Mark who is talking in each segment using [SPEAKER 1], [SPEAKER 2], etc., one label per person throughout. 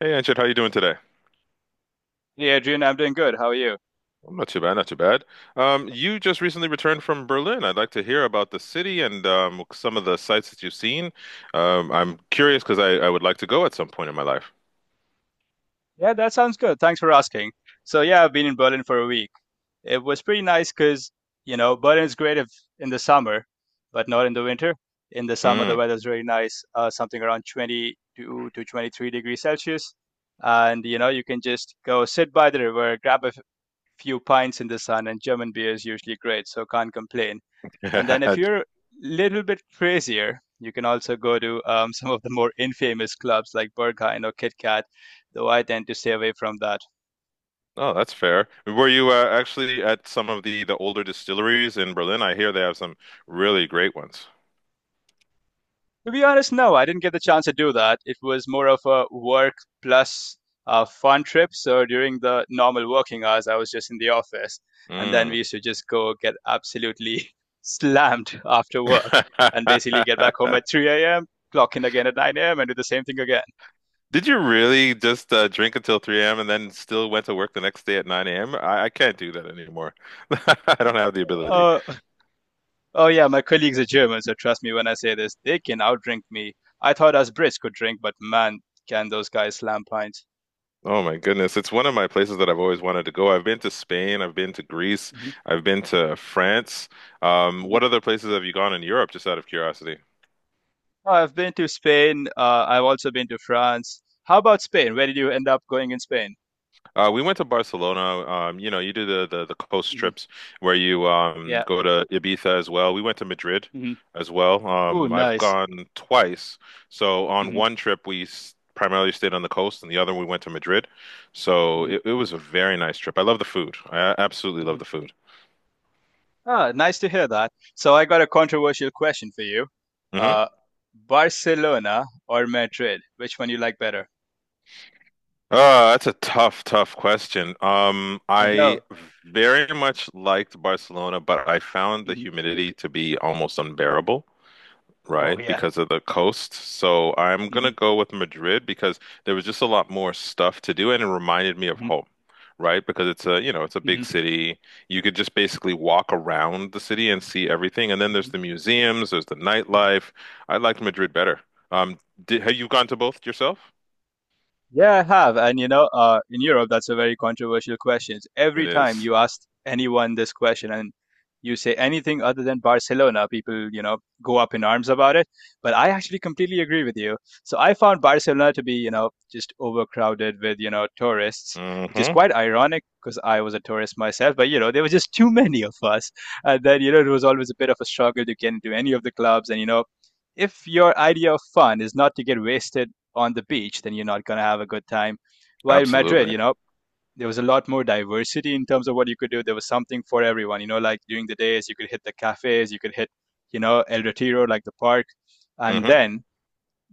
[SPEAKER 1] Hey, Anchit, how you doing today?
[SPEAKER 2] Hey, Adrian, I'm doing good. How are you?
[SPEAKER 1] I'm not too bad, not too bad. You just recently returned from Berlin. I'd like to hear about the city and some of the sights that you've seen. I'm curious because I would like to go at some point in my life.
[SPEAKER 2] Yeah, that sounds good. Thanks for asking. So, yeah, I've been in Berlin for a week. It was pretty nice because, you know, Berlin is great if, in the summer, but not in the winter. In the summer, the
[SPEAKER 1] Mm.
[SPEAKER 2] weather's really nice, something around 22 to 23 degrees Celsius. And, you know, you can just go sit by the river, grab a few pints in the sun, and German beer is usually great, so can't complain. And then if you're a little bit crazier, you can also go to some of the more infamous clubs like Berghain or Kit Kat, though I tend to stay away from that.
[SPEAKER 1] Oh, that's fair. Were you actually at some of the older distilleries in Berlin? I hear they have some really great ones.
[SPEAKER 2] To be honest, no, I didn't get the chance to do that. It was more of a work plus fun trip. So during the normal working hours, I was just in the office, and then we
[SPEAKER 1] Mm.
[SPEAKER 2] used to just go get absolutely slammed after work, and basically get back home at 3 a.m., clock in again at 9 a.m., and do the same thing again.
[SPEAKER 1] Did you really just drink until 3 a.m. and then still went to work the next day at 9 a.m.? I can't do that anymore. I don't have the ability.
[SPEAKER 2] Uh, oh yeah, my colleagues are German, so trust me when I say this, they can outdrink me. I thought us Brits could drink, but man, can those guys slam pints.
[SPEAKER 1] Oh my goodness. It's one of my places that I've always wanted to go. I've been to Spain, I've been to Greece, I've been to France. What other places have you gone in Europe, just out of curiosity?
[SPEAKER 2] Oh, I've been to Spain. I've also been to France. How about Spain? Where did you end up going in Spain?
[SPEAKER 1] We went to Barcelona. You know, you do the coast
[SPEAKER 2] Hmm.
[SPEAKER 1] trips where you
[SPEAKER 2] Yeah.
[SPEAKER 1] go to Ibiza as well. We went to Madrid
[SPEAKER 2] Hmm.
[SPEAKER 1] as well.
[SPEAKER 2] Ooh,
[SPEAKER 1] I've
[SPEAKER 2] nice.
[SPEAKER 1] gone twice. So on
[SPEAKER 2] Hmm.
[SPEAKER 1] one trip we s primarily stayed on the coast, and the other we went to Madrid. So
[SPEAKER 2] Hmm.
[SPEAKER 1] it was a very nice trip. I love the food. I absolutely
[SPEAKER 2] Hmm.
[SPEAKER 1] love the food.
[SPEAKER 2] Ah, nice to hear that. So I got a controversial question for you.
[SPEAKER 1] Hmm.
[SPEAKER 2] Uh, Barcelona or Madrid? Which one you like better?
[SPEAKER 1] That's a tough question. Um,
[SPEAKER 2] I
[SPEAKER 1] I
[SPEAKER 2] know.
[SPEAKER 1] very much liked Barcelona, but I found the
[SPEAKER 2] Hmm.
[SPEAKER 1] humidity to be almost unbearable.
[SPEAKER 2] Oh
[SPEAKER 1] Right?
[SPEAKER 2] yeah.
[SPEAKER 1] Because of the coast. So I'm gonna
[SPEAKER 2] Mm-hmm.
[SPEAKER 1] go with Madrid because there was just a lot more stuff to do and it reminded me of home, right? Because it's you know, it's a big
[SPEAKER 2] Hmm.
[SPEAKER 1] city. You could just basically walk around the city and see everything. And then there's
[SPEAKER 2] Hmm.
[SPEAKER 1] the museums, there's the
[SPEAKER 2] Hmm.
[SPEAKER 1] nightlife. I liked Madrid better. Um, did, have you gone to both yourself?
[SPEAKER 2] Yeah, I have. And you know, in Europe, that's a very controversial question.
[SPEAKER 1] It
[SPEAKER 2] Every time
[SPEAKER 1] is.
[SPEAKER 2] you ask anyone this question and you say anything other than Barcelona, people, you know, go up in arms about it. But I actually completely agree with you. So I found Barcelona to be, you know, just overcrowded with, you know, tourists, which is
[SPEAKER 1] Mm-hmm.
[SPEAKER 2] quite ironic because I was a tourist myself. But, you know, there were just too many of us. And then, you know, it was always a bit of a struggle to get into any of the clubs. And, you know, if your idea of fun is not to get wasted on the beach, then you're not going to have a good time. While Madrid,
[SPEAKER 1] Absolutely.
[SPEAKER 2] you know, there was a lot more diversity in terms of what you could do. There was something for everyone, you know, like during the days, you could hit the cafes, you could hit, you know, El Retiro, like the park. And
[SPEAKER 1] Mm-hmm.
[SPEAKER 2] then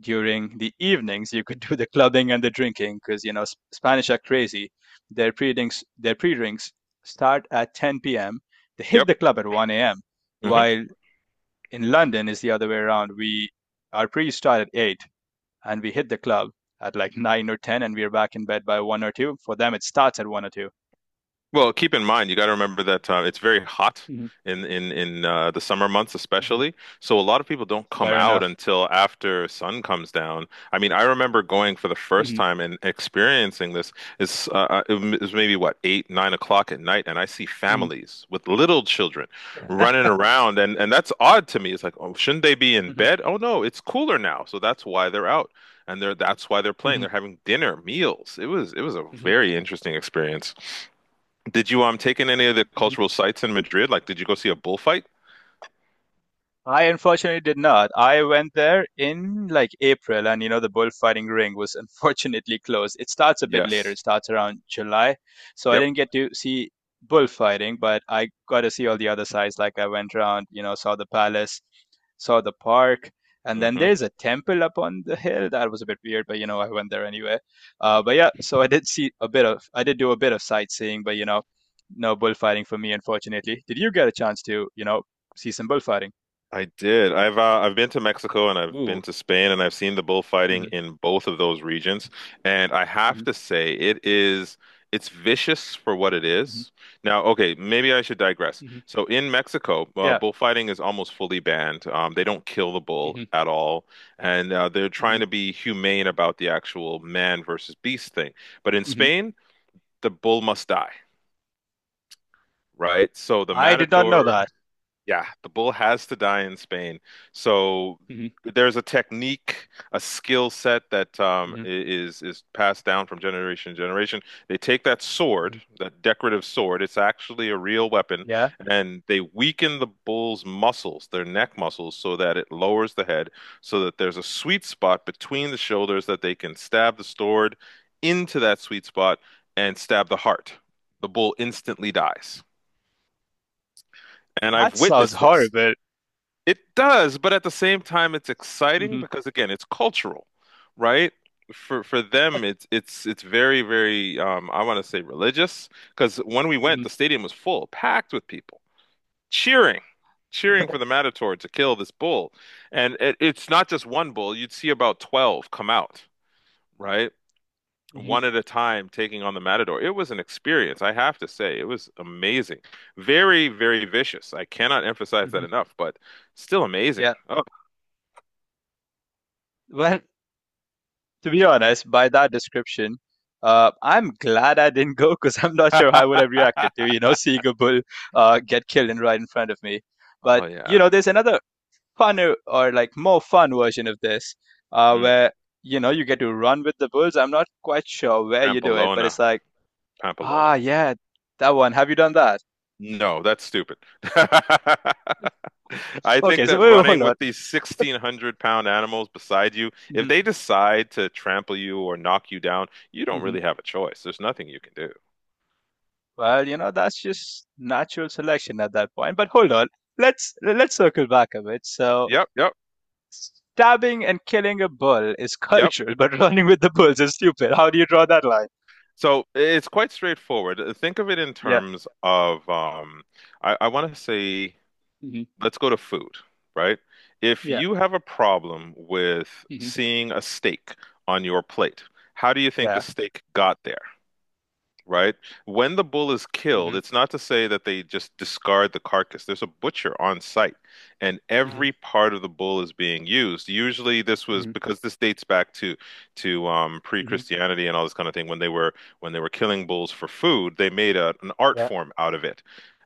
[SPEAKER 2] during the evenings, you could do the clubbing and the drinking because, you know, Spanish are crazy. Their pre-drinks start at 10 p.m. They hit
[SPEAKER 1] Yep.
[SPEAKER 2] the club at 1 a.m.
[SPEAKER 1] Mm-hmm.
[SPEAKER 2] While in London is the other way around. Our pre start at 8, and we hit the club at like 9 or 10, and we are back in bed by 1 or 2. For them, it starts at 1 or 2.
[SPEAKER 1] Well, keep in mind, you got to remember that it's very hot in in the summer months,
[SPEAKER 2] Mhm.
[SPEAKER 1] especially. So a lot of people don't come
[SPEAKER 2] Fair
[SPEAKER 1] out
[SPEAKER 2] enough.
[SPEAKER 1] until after sun comes down. I mean, I remember going for the first time and experiencing this. It's it it was maybe what eight, 9 o'clock at night, and I see
[SPEAKER 2] Mhm.
[SPEAKER 1] families with little children
[SPEAKER 2] Yeah.
[SPEAKER 1] running around, and that's odd to me. It's like, oh, shouldn't they be in
[SPEAKER 2] Mhm.
[SPEAKER 1] bed? Oh no, it's cooler now, so that's why they're out, and they're that's why they're playing.
[SPEAKER 2] Mhm.
[SPEAKER 1] They're having dinner meals. It was a
[SPEAKER 2] Mhm.
[SPEAKER 1] very interesting experience. Did you take in any of the
[SPEAKER 2] Mhm.
[SPEAKER 1] cultural sites in Madrid? Like, did you go see a bullfight?
[SPEAKER 2] I unfortunately did not. I went there in like April, and you know, the bullfighting ring was unfortunately closed. It starts a bit later, it
[SPEAKER 1] Yes.
[SPEAKER 2] starts around July. So I
[SPEAKER 1] Yep.
[SPEAKER 2] didn't get to see bullfighting, but I got to see all the other sides. Like I went around, you know, saw the palace, saw the park, and then
[SPEAKER 1] Hmm.
[SPEAKER 2] there's a temple up on the hill. That was a bit weird, but you know, I went there anyway. But yeah, so I did do a bit of sightseeing, but you know, no bullfighting for me, unfortunately. Did you get a chance to, you know, see some bullfighting?
[SPEAKER 1] I did. I've been to Mexico and I've
[SPEAKER 2] Ooh.
[SPEAKER 1] been to Spain and I've seen the bullfighting
[SPEAKER 2] Hmm.
[SPEAKER 1] in both of those regions. And I have
[SPEAKER 2] Hmm.
[SPEAKER 1] to say, it's vicious for what it
[SPEAKER 2] Hmm.
[SPEAKER 1] is. Now, okay, maybe I should digress.
[SPEAKER 2] Hmm.
[SPEAKER 1] So in Mexico,
[SPEAKER 2] Yeah.
[SPEAKER 1] bullfighting is almost fully banned. They don't kill the bull
[SPEAKER 2] Hmm.
[SPEAKER 1] at all, and they're
[SPEAKER 2] Hmm.
[SPEAKER 1] trying to be humane about the actual man versus beast thing. But in
[SPEAKER 2] Hmm.
[SPEAKER 1] Spain, the bull must die. Right? So the
[SPEAKER 2] I did not know
[SPEAKER 1] matador,
[SPEAKER 2] that.
[SPEAKER 1] yeah, the bull has to die in Spain. So
[SPEAKER 2] Hmm.
[SPEAKER 1] there's a technique, a skill set that
[SPEAKER 2] Hmm.
[SPEAKER 1] is passed down from generation to generation. They take that
[SPEAKER 2] Hmm.
[SPEAKER 1] sword, that decorative sword, it's actually a real weapon,
[SPEAKER 2] Yeah.
[SPEAKER 1] and they weaken the bull's muscles, their neck muscles, so that it lowers the head, so that there's a sweet spot between the shoulders that they can stab the sword into that sweet spot and stab the heart. The bull instantly dies and
[SPEAKER 2] That
[SPEAKER 1] I've
[SPEAKER 2] sounds
[SPEAKER 1] witnessed this.
[SPEAKER 2] horrible.
[SPEAKER 1] It does, but at the same time, it's exciting
[SPEAKER 2] Hmm.
[SPEAKER 1] because again, it's cultural, right? For them, it's very I want to say religious because when we went, the
[SPEAKER 2] Hmm.
[SPEAKER 1] stadium was full, packed with people cheering, cheering for the Matador to kill this bull, and it's not just one bull. You'd see about 12 come out, right?
[SPEAKER 2] Hmm.
[SPEAKER 1] One at a time taking on the Matador. It was an experience, I have to say. It was amazing. Very, very vicious. I cannot emphasize that
[SPEAKER 2] Hmm.
[SPEAKER 1] enough, but still amazing.
[SPEAKER 2] Yeah.
[SPEAKER 1] Oh,
[SPEAKER 2] Well, to be honest, by that description, I'm glad I didn't go because I'm not sure how I would have reacted to, you know, seeing a bull get killed and right in front of me. But,
[SPEAKER 1] oh
[SPEAKER 2] you
[SPEAKER 1] yeah.
[SPEAKER 2] know, there's another funner or like more fun version of this,
[SPEAKER 1] Mm,
[SPEAKER 2] where you know you get to run with the bulls. I'm not quite sure where you do it, but
[SPEAKER 1] Pamplona.
[SPEAKER 2] it's like,
[SPEAKER 1] Pamplona.
[SPEAKER 2] ah, yeah, that one. Have you done that?
[SPEAKER 1] No, that's stupid. I think
[SPEAKER 2] Okay, so
[SPEAKER 1] that
[SPEAKER 2] wait,
[SPEAKER 1] running
[SPEAKER 2] hold on.
[SPEAKER 1] with these 1600 pound animals beside you, if
[SPEAKER 2] Mhm,
[SPEAKER 1] they decide to trample you or knock you down, you don't
[SPEAKER 2] mhm.
[SPEAKER 1] really have a choice. There's nothing you can do.
[SPEAKER 2] Well, you know that's just natural selection at that point. But hold on, let's circle back a bit. So
[SPEAKER 1] Yep, yep,
[SPEAKER 2] stabbing and killing a bull is
[SPEAKER 1] yep.
[SPEAKER 2] cultural, but running with the bulls is stupid. How do you draw that line?
[SPEAKER 1] So it's quite straightforward. Think of it in
[SPEAKER 2] Yeah.
[SPEAKER 1] terms of, I want to say,
[SPEAKER 2] Hmm.
[SPEAKER 1] let's go to food, right? If
[SPEAKER 2] Yeah.
[SPEAKER 1] you have a problem with
[SPEAKER 2] Hmm.
[SPEAKER 1] seeing a steak on your plate, how do you think the
[SPEAKER 2] Yeah.
[SPEAKER 1] steak got there? Right? When the bull is killed,
[SPEAKER 2] Hmm.
[SPEAKER 1] it's not to say that they just discard the carcass. There's a butcher on site, and
[SPEAKER 2] Hmm.
[SPEAKER 1] every part of the bull is being used. Usually, this was
[SPEAKER 2] Hmm.
[SPEAKER 1] because this dates back to
[SPEAKER 2] Hmm.
[SPEAKER 1] pre-Christianity and all this kind of thing. When they were killing bulls for food, they made an art
[SPEAKER 2] Yeah.
[SPEAKER 1] form out of it,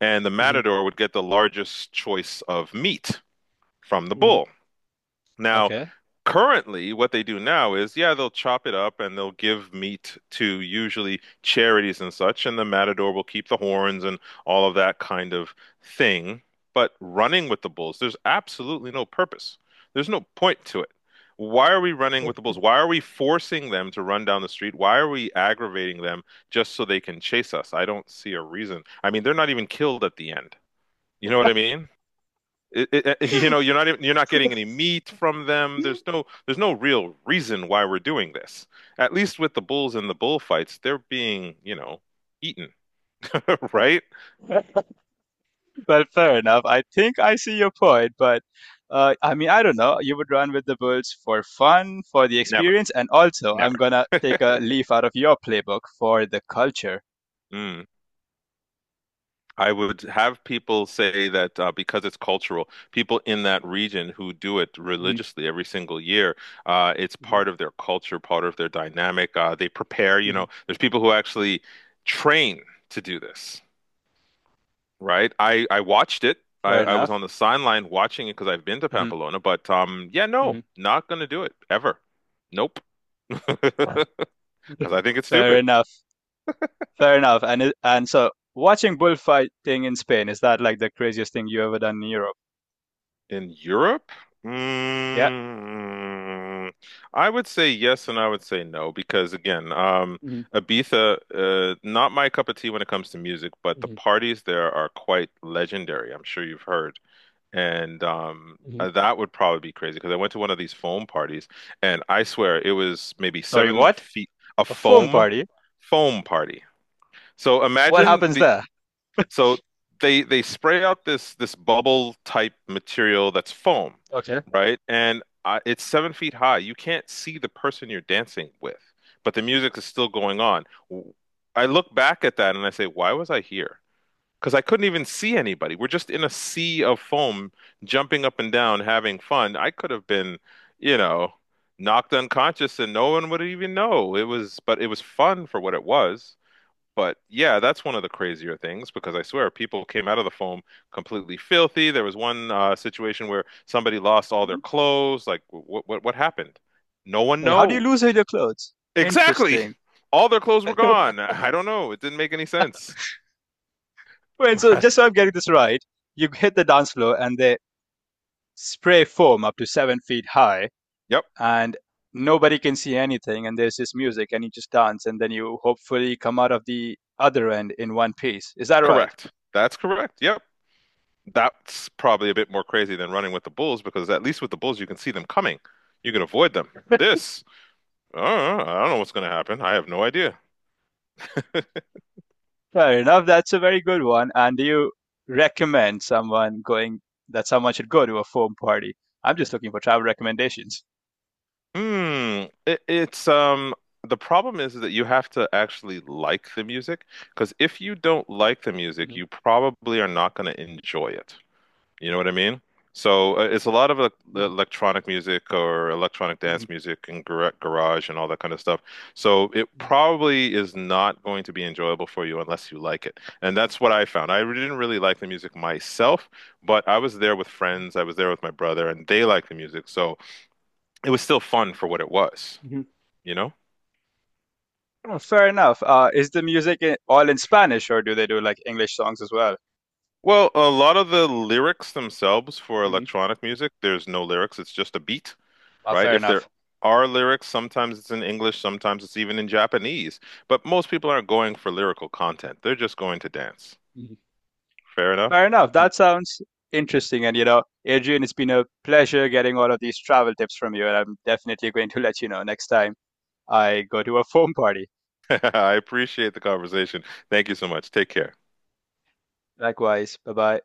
[SPEAKER 1] and the
[SPEAKER 2] Hmm.
[SPEAKER 1] matador would get the largest choice of meat from the bull. Now,
[SPEAKER 2] Okay.
[SPEAKER 1] currently, what they do now is, yeah, they'll chop it up and they'll give meat to usually charities and such, and the matador will keep the horns and all of that kind of thing. But running with the bulls, there's absolutely no purpose. There's no point to it. Why are we running with the bulls? Why are we forcing them to run down the street? Why are we aggravating them just so they can chase us? I don't see a reason. I mean, they're not even killed at the end. You know what I mean? You know, you're not getting any meat from them. There's no real reason why we're doing this. At least with the bulls and the bullfights, they're being, you know, eaten, right?
[SPEAKER 2] Well, fair enough. I think I see your point, but I mean, I don't know. You would run with the Bulls for fun, for the
[SPEAKER 1] Never,
[SPEAKER 2] experience, and also I'm
[SPEAKER 1] Never.
[SPEAKER 2] gonna take a leaf out of your playbook for the culture.
[SPEAKER 1] Mm. I would have people say that because it's cultural, people in that region who do it
[SPEAKER 2] Hmm.
[SPEAKER 1] religiously every single year, it's
[SPEAKER 2] Hmm.
[SPEAKER 1] part of their culture, part of their dynamic. They prepare, you
[SPEAKER 2] Hmm.
[SPEAKER 1] know, there's people who actually train to do this. Right. I watched it.
[SPEAKER 2] Fair
[SPEAKER 1] I was
[SPEAKER 2] enough.
[SPEAKER 1] on the sideline watching it because I've been to
[SPEAKER 2] Hmm.
[SPEAKER 1] Pamplona, but yeah,
[SPEAKER 2] Hmm.
[SPEAKER 1] no, not gonna do it ever. Nope. Because I think it's
[SPEAKER 2] Fair
[SPEAKER 1] stupid.
[SPEAKER 2] enough. Fair enough. And so watching bullfighting in Spain, is that like the craziest thing you ever done in Europe?
[SPEAKER 1] In Europe,
[SPEAKER 2] Yeah.
[SPEAKER 1] mm, I would say yes and I would say no because again,
[SPEAKER 2] Hmm.
[SPEAKER 1] Ibiza, not my cup of tea when it comes to music, but the
[SPEAKER 2] Hmm.
[SPEAKER 1] parties there are quite legendary. I'm sure you've heard. And
[SPEAKER 2] Hmm.
[SPEAKER 1] that would probably be crazy because I went to one of these foam parties and I swear it was maybe
[SPEAKER 2] Sorry,
[SPEAKER 1] seven
[SPEAKER 2] what?
[SPEAKER 1] feet, a
[SPEAKER 2] A foam party?
[SPEAKER 1] foam party. So
[SPEAKER 2] What
[SPEAKER 1] imagine
[SPEAKER 2] happens
[SPEAKER 1] the,
[SPEAKER 2] there?
[SPEAKER 1] so they spray out this bubble type material that's foam,
[SPEAKER 2] Okay.
[SPEAKER 1] right? And it's 7 feet high. You can't see the person you're dancing with, but the music is still going on. W- I look back at that and I say, why was I here? Because I couldn't even see anybody. We're just in a sea of foam, jumping up and down, having fun. I could have been, you know, knocked unconscious and no one would even know. It was fun for what it was. But yeah, that's one of the crazier things because I swear people came out of the foam completely filthy. There was one situation where somebody lost all their clothes. Like, what happened? No one
[SPEAKER 2] Like, how do you lose all
[SPEAKER 1] knows.
[SPEAKER 2] your clothes?
[SPEAKER 1] Exactly.
[SPEAKER 2] Interesting.
[SPEAKER 1] All their clothes were gone. I don't know. It didn't make any sense.
[SPEAKER 2] Wait, so
[SPEAKER 1] But,
[SPEAKER 2] just so I'm getting this right, you hit the dance floor and they spray foam up to 7 feet high,
[SPEAKER 1] yep.
[SPEAKER 2] and nobody can see anything, and there's this music, and you just dance, and then you hopefully come out of the other end in one piece. Is that right?
[SPEAKER 1] Correct. That's correct. Yep. That's probably a bit more crazy than running with the bulls because at least with the bulls you can see them coming. You can avoid them. This, I don't know what's going to happen. I have no idea.
[SPEAKER 2] Fair enough. That's a very good one. And do you recommend someone going, that someone should go to a foam party? I'm just looking for travel recommendations.
[SPEAKER 1] Hmm. It, it's The problem is that you have to actually like the music because if you don't like the music, you probably are not going to enjoy it. You know what I mean? So it's a lot of the electronic music or electronic dance music and garage and all that kind of stuff. So it probably is not going to be enjoyable for you unless you like it. And that's what I found. I really didn't really like the music myself, but I was there with friends, I was there with my brother, and they liked the music. So it was still fun for what it was, you know?
[SPEAKER 2] Oh, fair enough. Is the music all in Spanish, or do they do like English songs as well?
[SPEAKER 1] Well, a lot of the lyrics themselves for
[SPEAKER 2] Hmm.
[SPEAKER 1] electronic music, there's no lyrics, it's just a beat. Right?
[SPEAKER 2] Fair
[SPEAKER 1] If there
[SPEAKER 2] enough.
[SPEAKER 1] are lyrics, sometimes it's in English, sometimes it's even in Japanese. But most people aren't going for lyrical content. They're just going to dance.
[SPEAKER 2] Hmm.
[SPEAKER 1] Fair enough.
[SPEAKER 2] Fair enough. That sounds interesting. And you know, Adrian, it's been a pleasure getting all of these travel tips from you, and I'm definitely going to let you know next time I go to a foam party.
[SPEAKER 1] I appreciate the conversation. Thank you so much. Take care.
[SPEAKER 2] Likewise. Bye bye.